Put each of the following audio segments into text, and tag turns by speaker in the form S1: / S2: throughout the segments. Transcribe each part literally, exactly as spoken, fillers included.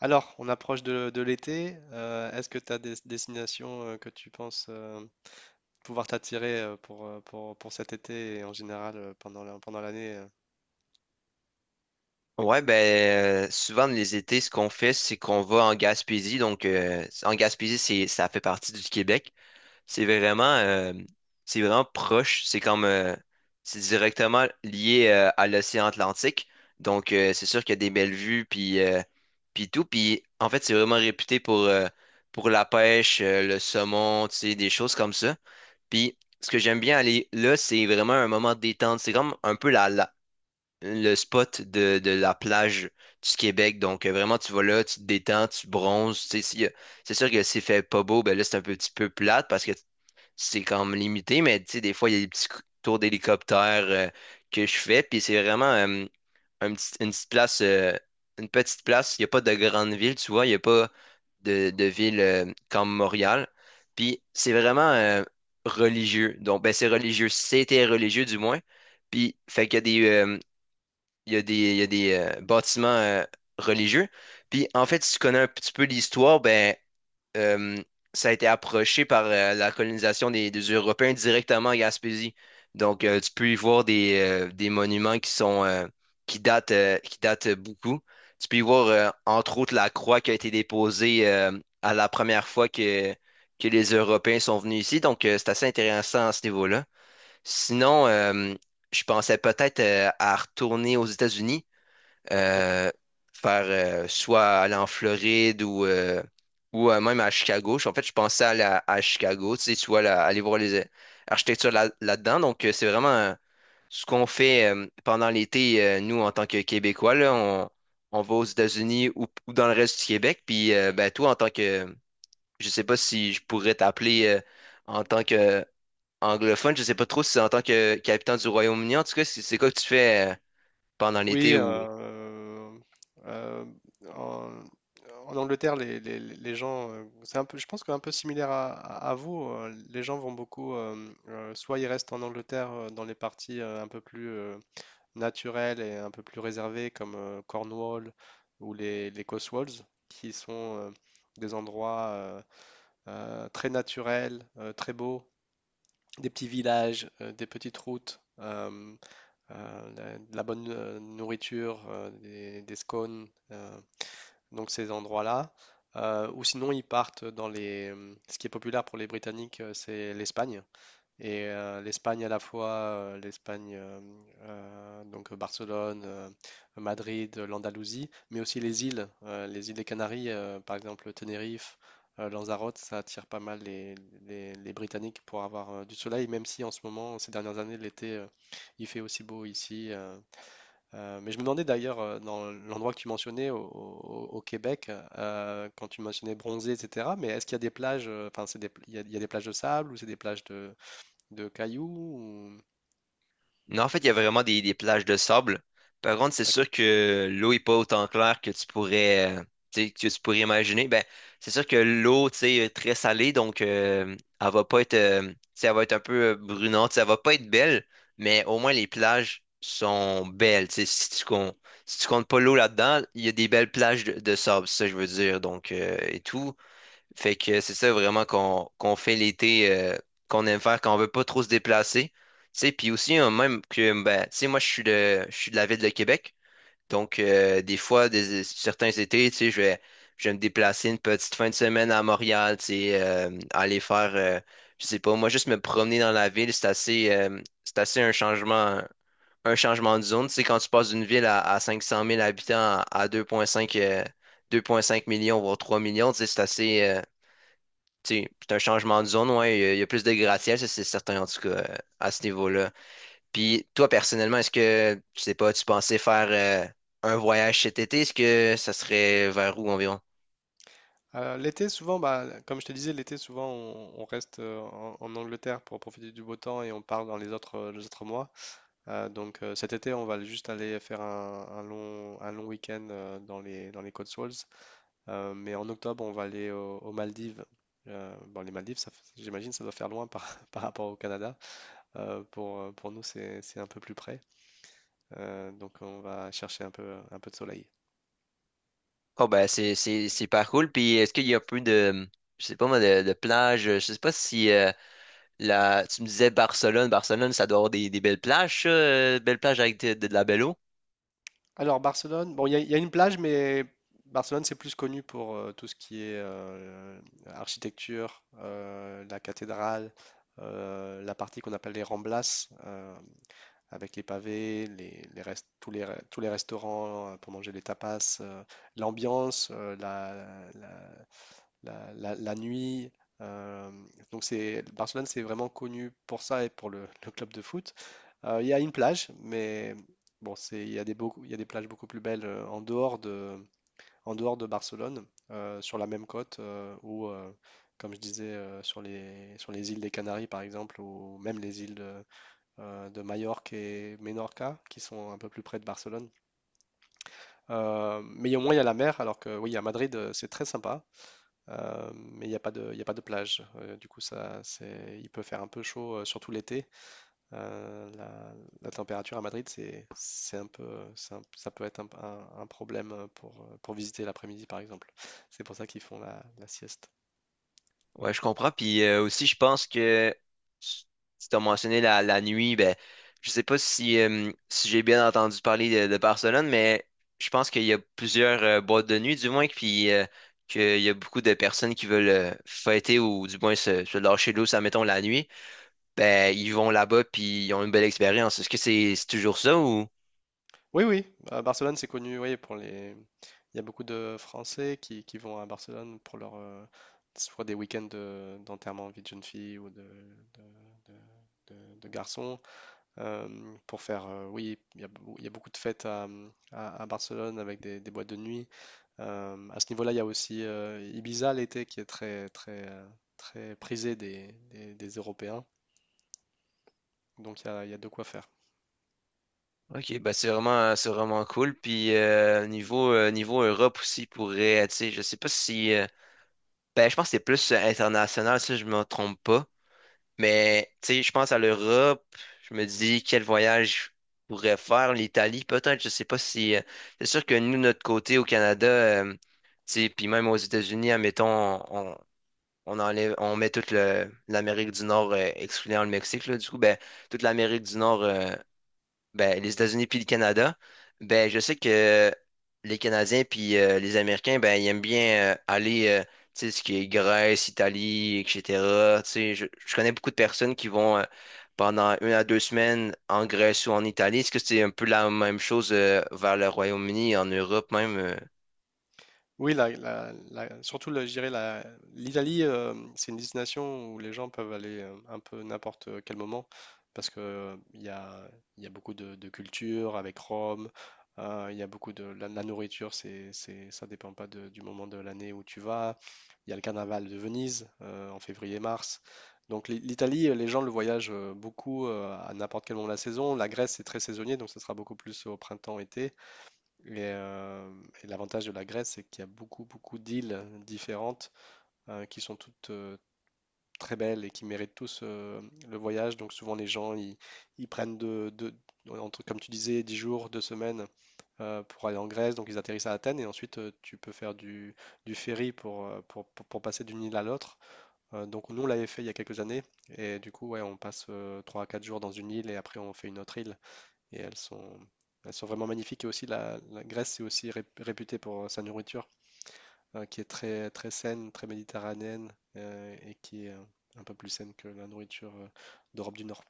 S1: Alors, on approche de, de l'été. Euh, est-ce que tu as des destinations euh, que tu penses euh, pouvoir t'attirer euh, pour, euh, pour, pour cet été et en général euh, pendant la- pendant l'année euh
S2: Ouais, ben euh, souvent les étés, ce qu'on fait, c'est qu'on va en Gaspésie. Donc euh, en Gaspésie, c'est ça fait partie du Québec. C'est vraiment euh, c'est vraiment proche. C'est comme euh, c'est directement lié euh, à l'océan Atlantique. Donc euh, c'est sûr qu'il y a des belles vues puis euh, puis tout. Puis en fait, c'est vraiment réputé pour euh, pour la pêche, euh, le saumon, tu sais, des choses comme ça. Puis ce que j'aime bien aller là, c'est vraiment un moment de détente. C'est comme un peu la, le spot de, de la plage du Québec. Donc, euh, vraiment, tu vas là, tu te détends, tu bronzes. Tu sais, s'il y a- c'est sûr que s'il fait pas beau, ben là, c'est un peu- petit peu plate parce que c'est comme limité, mais tu sais, des fois, il y a des petits cou- tours d'hélicoptère euh, que je fais. Puis c'est vraiment euh, un petit- une petite place, euh, une petite place. Il n'y a pas de grande ville, tu vois. Il n'y a pas de, de ville euh, comme Montréal. Puis c'est vraiment euh, religieux. Donc, ben, c'est religieux. C'était religieux, du moins. Puis, fait qu'il y a des, euh, il y a des, il y a des euh, bâtiments euh, religieux. Puis en fait, si tu connais un petit peu l'histoire, ben euh, ça a été approché par euh, la colonisation des, des Européens directement à Gaspésie. Donc euh, tu peux y voir des, euh, des monuments qui sont euh, qui datent euh, qui datent beaucoup. Tu peux y voir euh, entre autres la croix qui a été déposée euh, à la première fois que que les Européens sont venus ici. Donc euh, c'est assez intéressant à ce niveau-là. Sinon, euh, je pensais peut-être euh, à retourner aux États-Unis
S1: D'accord.
S2: euh, faire euh, soit aller en Floride ou, euh, ou euh, même à Chicago. En fait, je pensais aller à, à Chicago, tu sais, tu vois, là, aller voir les euh, architectures là, là-dedans. Donc, euh, c'est vraiment euh, ce qu'on fait euh, pendant l'été, euh, nous, en tant que Québécois, là, on, on va aux États-Unis ou, ou dans le reste du Québec. Puis, euh, ben, toi, en tant que, je sais pas si je pourrais t'appeler euh, en tant que euh, anglophone, je sais pas trop si c'est en tant que qu'habitant du Royaume-Uni. En tout cas, c'est c'est quoi que tu fais euh, pendant l'été
S1: Oui,
S2: ou?
S1: euh, euh, en, en Angleterre, les, les- les gens, euh, c'est un peu, je pense qu'un peu similaire à, à- à vous, euh, les gens vont beaucoup, euh, euh, soit ils restent en Angleterre euh, dans les parties euh, un peu plus euh, naturels et un peu plus réservés comme euh, Cornwall ou les, les Cotswolds, qui sont euh, des endroits euh, euh, très naturels, euh, très beaux, des petits villages, euh, des petites routes, euh, euh, la- de la bonne euh, nourriture, euh, des, des scones, euh, donc ces endroits-là. Euh, ou sinon, ils partent dans les. Ce qui est populaire pour les Britanniques, euh, c'est l'Espagne. Et euh, l'Espagne à la fois, euh, l'Espagne, euh, euh, donc Barcelone, euh, Madrid, euh, l'Andalousie, mais aussi les îles, euh, les îles des Canaries, euh, par exemple Tenerife, euh, Lanzarote, ça attire pas mal les, les- les Britanniques pour avoir euh, du soleil, même si en ce moment, ces dernières années, l'été, euh, il fait aussi beau ici. Euh, euh, mais je me demandais d'ailleurs, euh, dans l'endroit que tu mentionnais, au, au- au Québec, euh, quand tu mentionnais bronzé, et cetera, mais est-ce qu'il y a des plages, euh, enfin, c'est des- il y a il y a des plages de sable ou c'est des plages de de cailloux ou-
S2: Non, en fait, il y a vraiment des, des plages de sable. Par contre, c'est sûr
S1: D'accord.
S2: que l'eau est pas autant claire que tu pourrais, euh, tu sais, que tu pourrais imaginer. Ben, c'est sûr que l'eau, tu sais, est très salée, donc euh, elle va pas être, euh, tu sais, elle va être un peu euh, brunante, ça va pas être belle, mais au moins les plages sont belles. Tu sais, si tu comptes, si tu comptes pas l'eau là-dedans, il y a des belles plages de, de sable, c'est ça que je veux dire. Donc euh, et tout. Fait que c'est ça vraiment qu'on qu'on fait l'été euh, qu'on aime faire quand on veut pas trop se déplacer. Tu sais, puis aussi euh, même que ben, tu sais, moi je suis de je suis de la ville de Québec. Donc euh, des fois des, certains étés, tu sais, je vais je vais me déplacer une petite fin de semaine à Montréal, tu sais, euh, aller faire euh, je sais pas, moi juste me promener dans la ville, c'est assez euh, c'est assez un changement un changement de zone, tu sais quand tu passes d'une ville à, à cinq cent mille habitants à, à deux virgule cinq euh, deux virgule cinq millions voire trois millions, tu sais, c'est assez euh, tu sais, c'est un changement de zone, ouais, il y a, il y a plus de gratte-ciel, ça c'est certain en tout cas euh, à ce niveau-là. Puis toi personnellement, est-ce que, je sais pas, tu pensais faire euh, un voyage cet été? Est-ce que ça serait vers où environ?
S1: Euh, l'été, souvent, bah, comme je te disais, l'été, souvent, on, on reste euh, en, en Angleterre pour profiter du beau temps et on part dans les autres, euh, les autres mois. Euh, donc, euh, cet été, on va juste aller faire un, un long, un long week-end euh, dans les, dans les Cotswolds. Euh, mais en octobre, on va aller au- aux Maldives. Euh, bon, les Maldives, ça f- j'imagine, ça doit faire loin par, par rapport au Canada. Euh, pour, euh, pour nous, c'est, c'est un peu plus près. Euh, donc, on va chercher un peu, un peu de soleil.
S2: Oh ben c'est c'est c'est pas cool. Puis est-ce qu'il y a un peu de je sais pas moi de, de plage, je sais pas si euh, la tu me disais Barcelone, Barcelone ça doit avoir des, des belles plages, ça, euh, belles plages avec de, de la belle eau.
S1: Alors Barcelone, bon, il y, a il y a une plage, mais Barcelone, c'est plus connu pour euh, tout ce qui est euh, architecture, euh, la cathédrale, euh, la partie qu'on appelle les Ramblas, euh, avec les pavés, les, les rest- tous les, re- tous les restaurants euh, pour manger les tapas, euh, l'ambiance, euh, la, la, la- la nuit. euh, donc c'est Barcelone, c'est vraiment connu pour ça et pour le, le club de foot. Euh, Il y a une plage, mais bon, c'est il y a des beaucoup, il y a des plages beaucoup plus belles euh, en dehors de en dehors de Barcelone, euh, sur la même côte euh, ou euh, comme je disais euh, sur les sur les îles des Canaries par exemple ou même les îles de, euh, de Majorque et Menorca qui sont un peu plus près de Barcelone. Euh, mais au moins il y a la mer, alors que oui, à Madrid euh, c'est très sympa. Euh, mais il n'y a pas de, il y a pas de plage. Euh, du coup, ça, c'est, il peut faire un peu chaud, euh, surtout l'été. Euh, la, la température à Madrid, c'est, c'est un peu, c'est un- ça peut être un, un- un problème pour, euh, pour visiter l'après-midi, par exemple. C'est pour ça qu'ils font la, la sieste.
S2: Ouais, je comprends. Puis euh, aussi, je pense que si tu as mentionné la, la nuit, ben, je sais pas si, euh, si j'ai bien entendu parler de, de Barcelone, mais je pense qu'il y a plusieurs euh, boîtes de nuit, du moins, puis euh, qu'il y a beaucoup de personnes qui veulent euh, fêter ou du moins se, se lâcher l'eau, ça mettons la nuit. Ben, ils vont là-bas, puis ils ont une belle expérience. Est-ce que c'est c'est toujours ça ou?
S1: Oui, oui, à Barcelone, c'est connu, oui, pour les. Il y a beaucoup de Français qui, qui vont à Barcelone pour leur, euh, soit des week-ends de- d'enterrement de vie de jeune fille ou de, de, de- de- de garçons. euh, pour faire, euh, oui, il y a, il y a beaucoup de fêtes à, mmh, à- à Barcelone avec des, des boîtes de nuit. Euh, à ce niveau-là, il y a aussi euh, Ibiza l'été qui est très, très, euh, très prisé des, des- des Européens. Donc il y a, il y a de quoi faire.
S2: Ok, ben c'est vraiment c'est vraiment cool. Puis euh, niveau euh, niveau Europe aussi pourrait, tu sais, je sais pas si. Ben, je pense que c'est plus euh, international, si je me trompe pas. Mais, tu sais, je pense à l'Europe. Je me dis, quel voyage je pourrais faire? L'Italie, peut-être. Je sais pas si. euh, c'est sûr que nous, notre côté au Canada, euh, tu sais, puis même aux États-Unis, admettons, on, on enlève, on met toute le- l'Amérique du Nord, euh, excluant le Mexique, là, du coup, ben, toute l'Amérique du Nord. Euh, ben, les États-Unis puis le Canada, ben, je sais que les Canadiens puis euh, les Américains, ben, ils aiment bien euh, aller, euh, tu sais, ce qui est Grèce, Italie, et cetera. Tu sais, je, je connais beaucoup de personnes qui vont euh, pendant une à deux semaines en Grèce ou en Italie. Est-ce que c'est un peu la même chose euh, vers le Royaume-Uni, en Europe même? euh?
S1: Oui, la, la- la- surtout, le- je dirais, la- l'Italie, euh, c'est une destination où les gens peuvent aller euh, un peu n'importe quel moment parce que euh, il y a, il y a beaucoup de, de culture avec Rome, euh, il y a beaucoup de. La, la nourriture, c'est, c'est, ça dépend pas de- du moment de l'année où tu vas. Il y a le carnaval de Venise euh, en février-mars. Donc l'I- l'Italie, euh, les gens le voyagent euh, beaucoup euh, à n'importe quel moment de la saison. La Grèce, c'est très saisonnier, donc ce sera beaucoup plus au printemps-été. Et, euh, et l'avantage de la Grèce, c'est qu'il y a beaucoup, beaucoup d'îles différentes euh, qui sont toutes euh, très belles et qui méritent tous euh, le voyage. Donc souvent, les gens, ils, ils prennent de, de- entre, comme tu disais, dix jours, deux semaines euh, pour aller en Grèce. Donc ils atterrissent à Athènes et ensuite, euh, tu peux faire du, du ferry pour, euh, pour, pour- pour passer d'une île à l'autre. Euh, donc nous, on l'avait fait il y a quelques années. Et du coup, ouais, on passe euh, trois à quatre jours dans une île et après, on fait une autre île et elles sont, elles sont vraiment magnifiques. Et aussi, la, la Grèce est aussi ré- réputée pour sa nourriture, euh, qui est très, très saine, très méditerranéenne, euh, et qui est euh, un peu plus saine que la nourriture euh, d'Europe du Nord.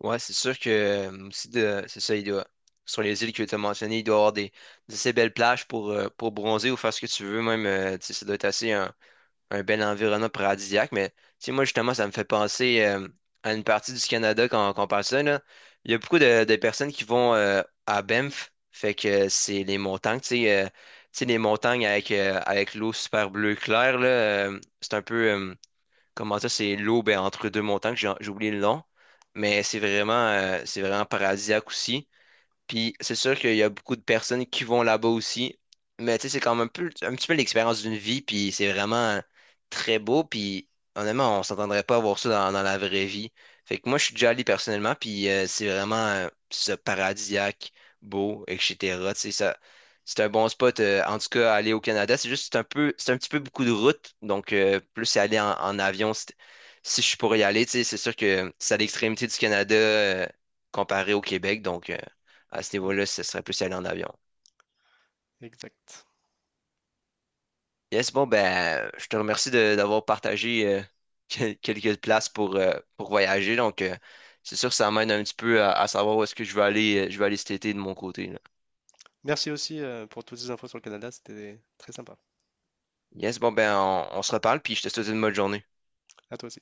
S2: Ouais, c'est sûr que euh, aussi de, c'est ça, il doit, sur les îles que tu as mentionnées, il doit y avoir des, des assez belles plages pour, euh, pour bronzer ou faire ce que tu veux même. Euh, tu sais, ça doit être assez... un. un bel environnement paradisiaque, mais tu sais, moi, justement, ça me fait penser euh, à une partie du Canada quand, quand on parle de ça, là. Il y a beaucoup de, de personnes qui vont euh, à Banff, fait que c'est les montagnes, tu sais, euh, tu sais, les montagnes avec, euh, avec l'eau super bleue claire, là, euh, c'est un peu, euh, comment ça, c'est l'eau ben, entre deux montagnes, j'ai j'ai oublié le nom, mais c'est vraiment, euh, c'est vraiment paradisiaque aussi. Puis c'est sûr qu'il y a beaucoup de personnes qui vont là-bas aussi. Mais tu sais, c'est quand même un peu, un petit peu l'expérience d'une vie. Puis c'est vraiment très beau. Puis honnêtement, on s'entendrait pas avoir ça dans, dans la vraie vie. Fait que moi, je suis déjà allé personnellement. Puis euh, c'est vraiment euh, ce paradisiaque, beau, et etc. Tu sais, ça, c'est un bon spot. euh, en tout cas, aller au Canada, c'est juste c'est un peu, c'est un petit peu beaucoup de route. Donc euh, plus c'est aller en, en avion, c'est- si je suis pour y aller, tu sais, c'est sûr que c'est à l'extrémité du Canada euh, comparé au Québec. Donc. euh, à ce
S1: Mm,
S2: niveau-là, ce serait plus y aller en avion.
S1: exact.
S2: Yes, bon, ben, je te remercie de- d'avoir partagé euh, quel- quelques places pour, euh, pour voyager. Donc, euh, c'est sûr que ça m'aide un petit peu à, à savoir où est-ce que je vais aller, euh, je vais aller cet été de mon côté, là.
S1: Merci aussi euh, pour toutes ces infos sur le Canada, c'était très sympa.
S2: Yes, bon, ben, on, on se reparle, puis je te souhaite une bonne journée.
S1: À toi aussi.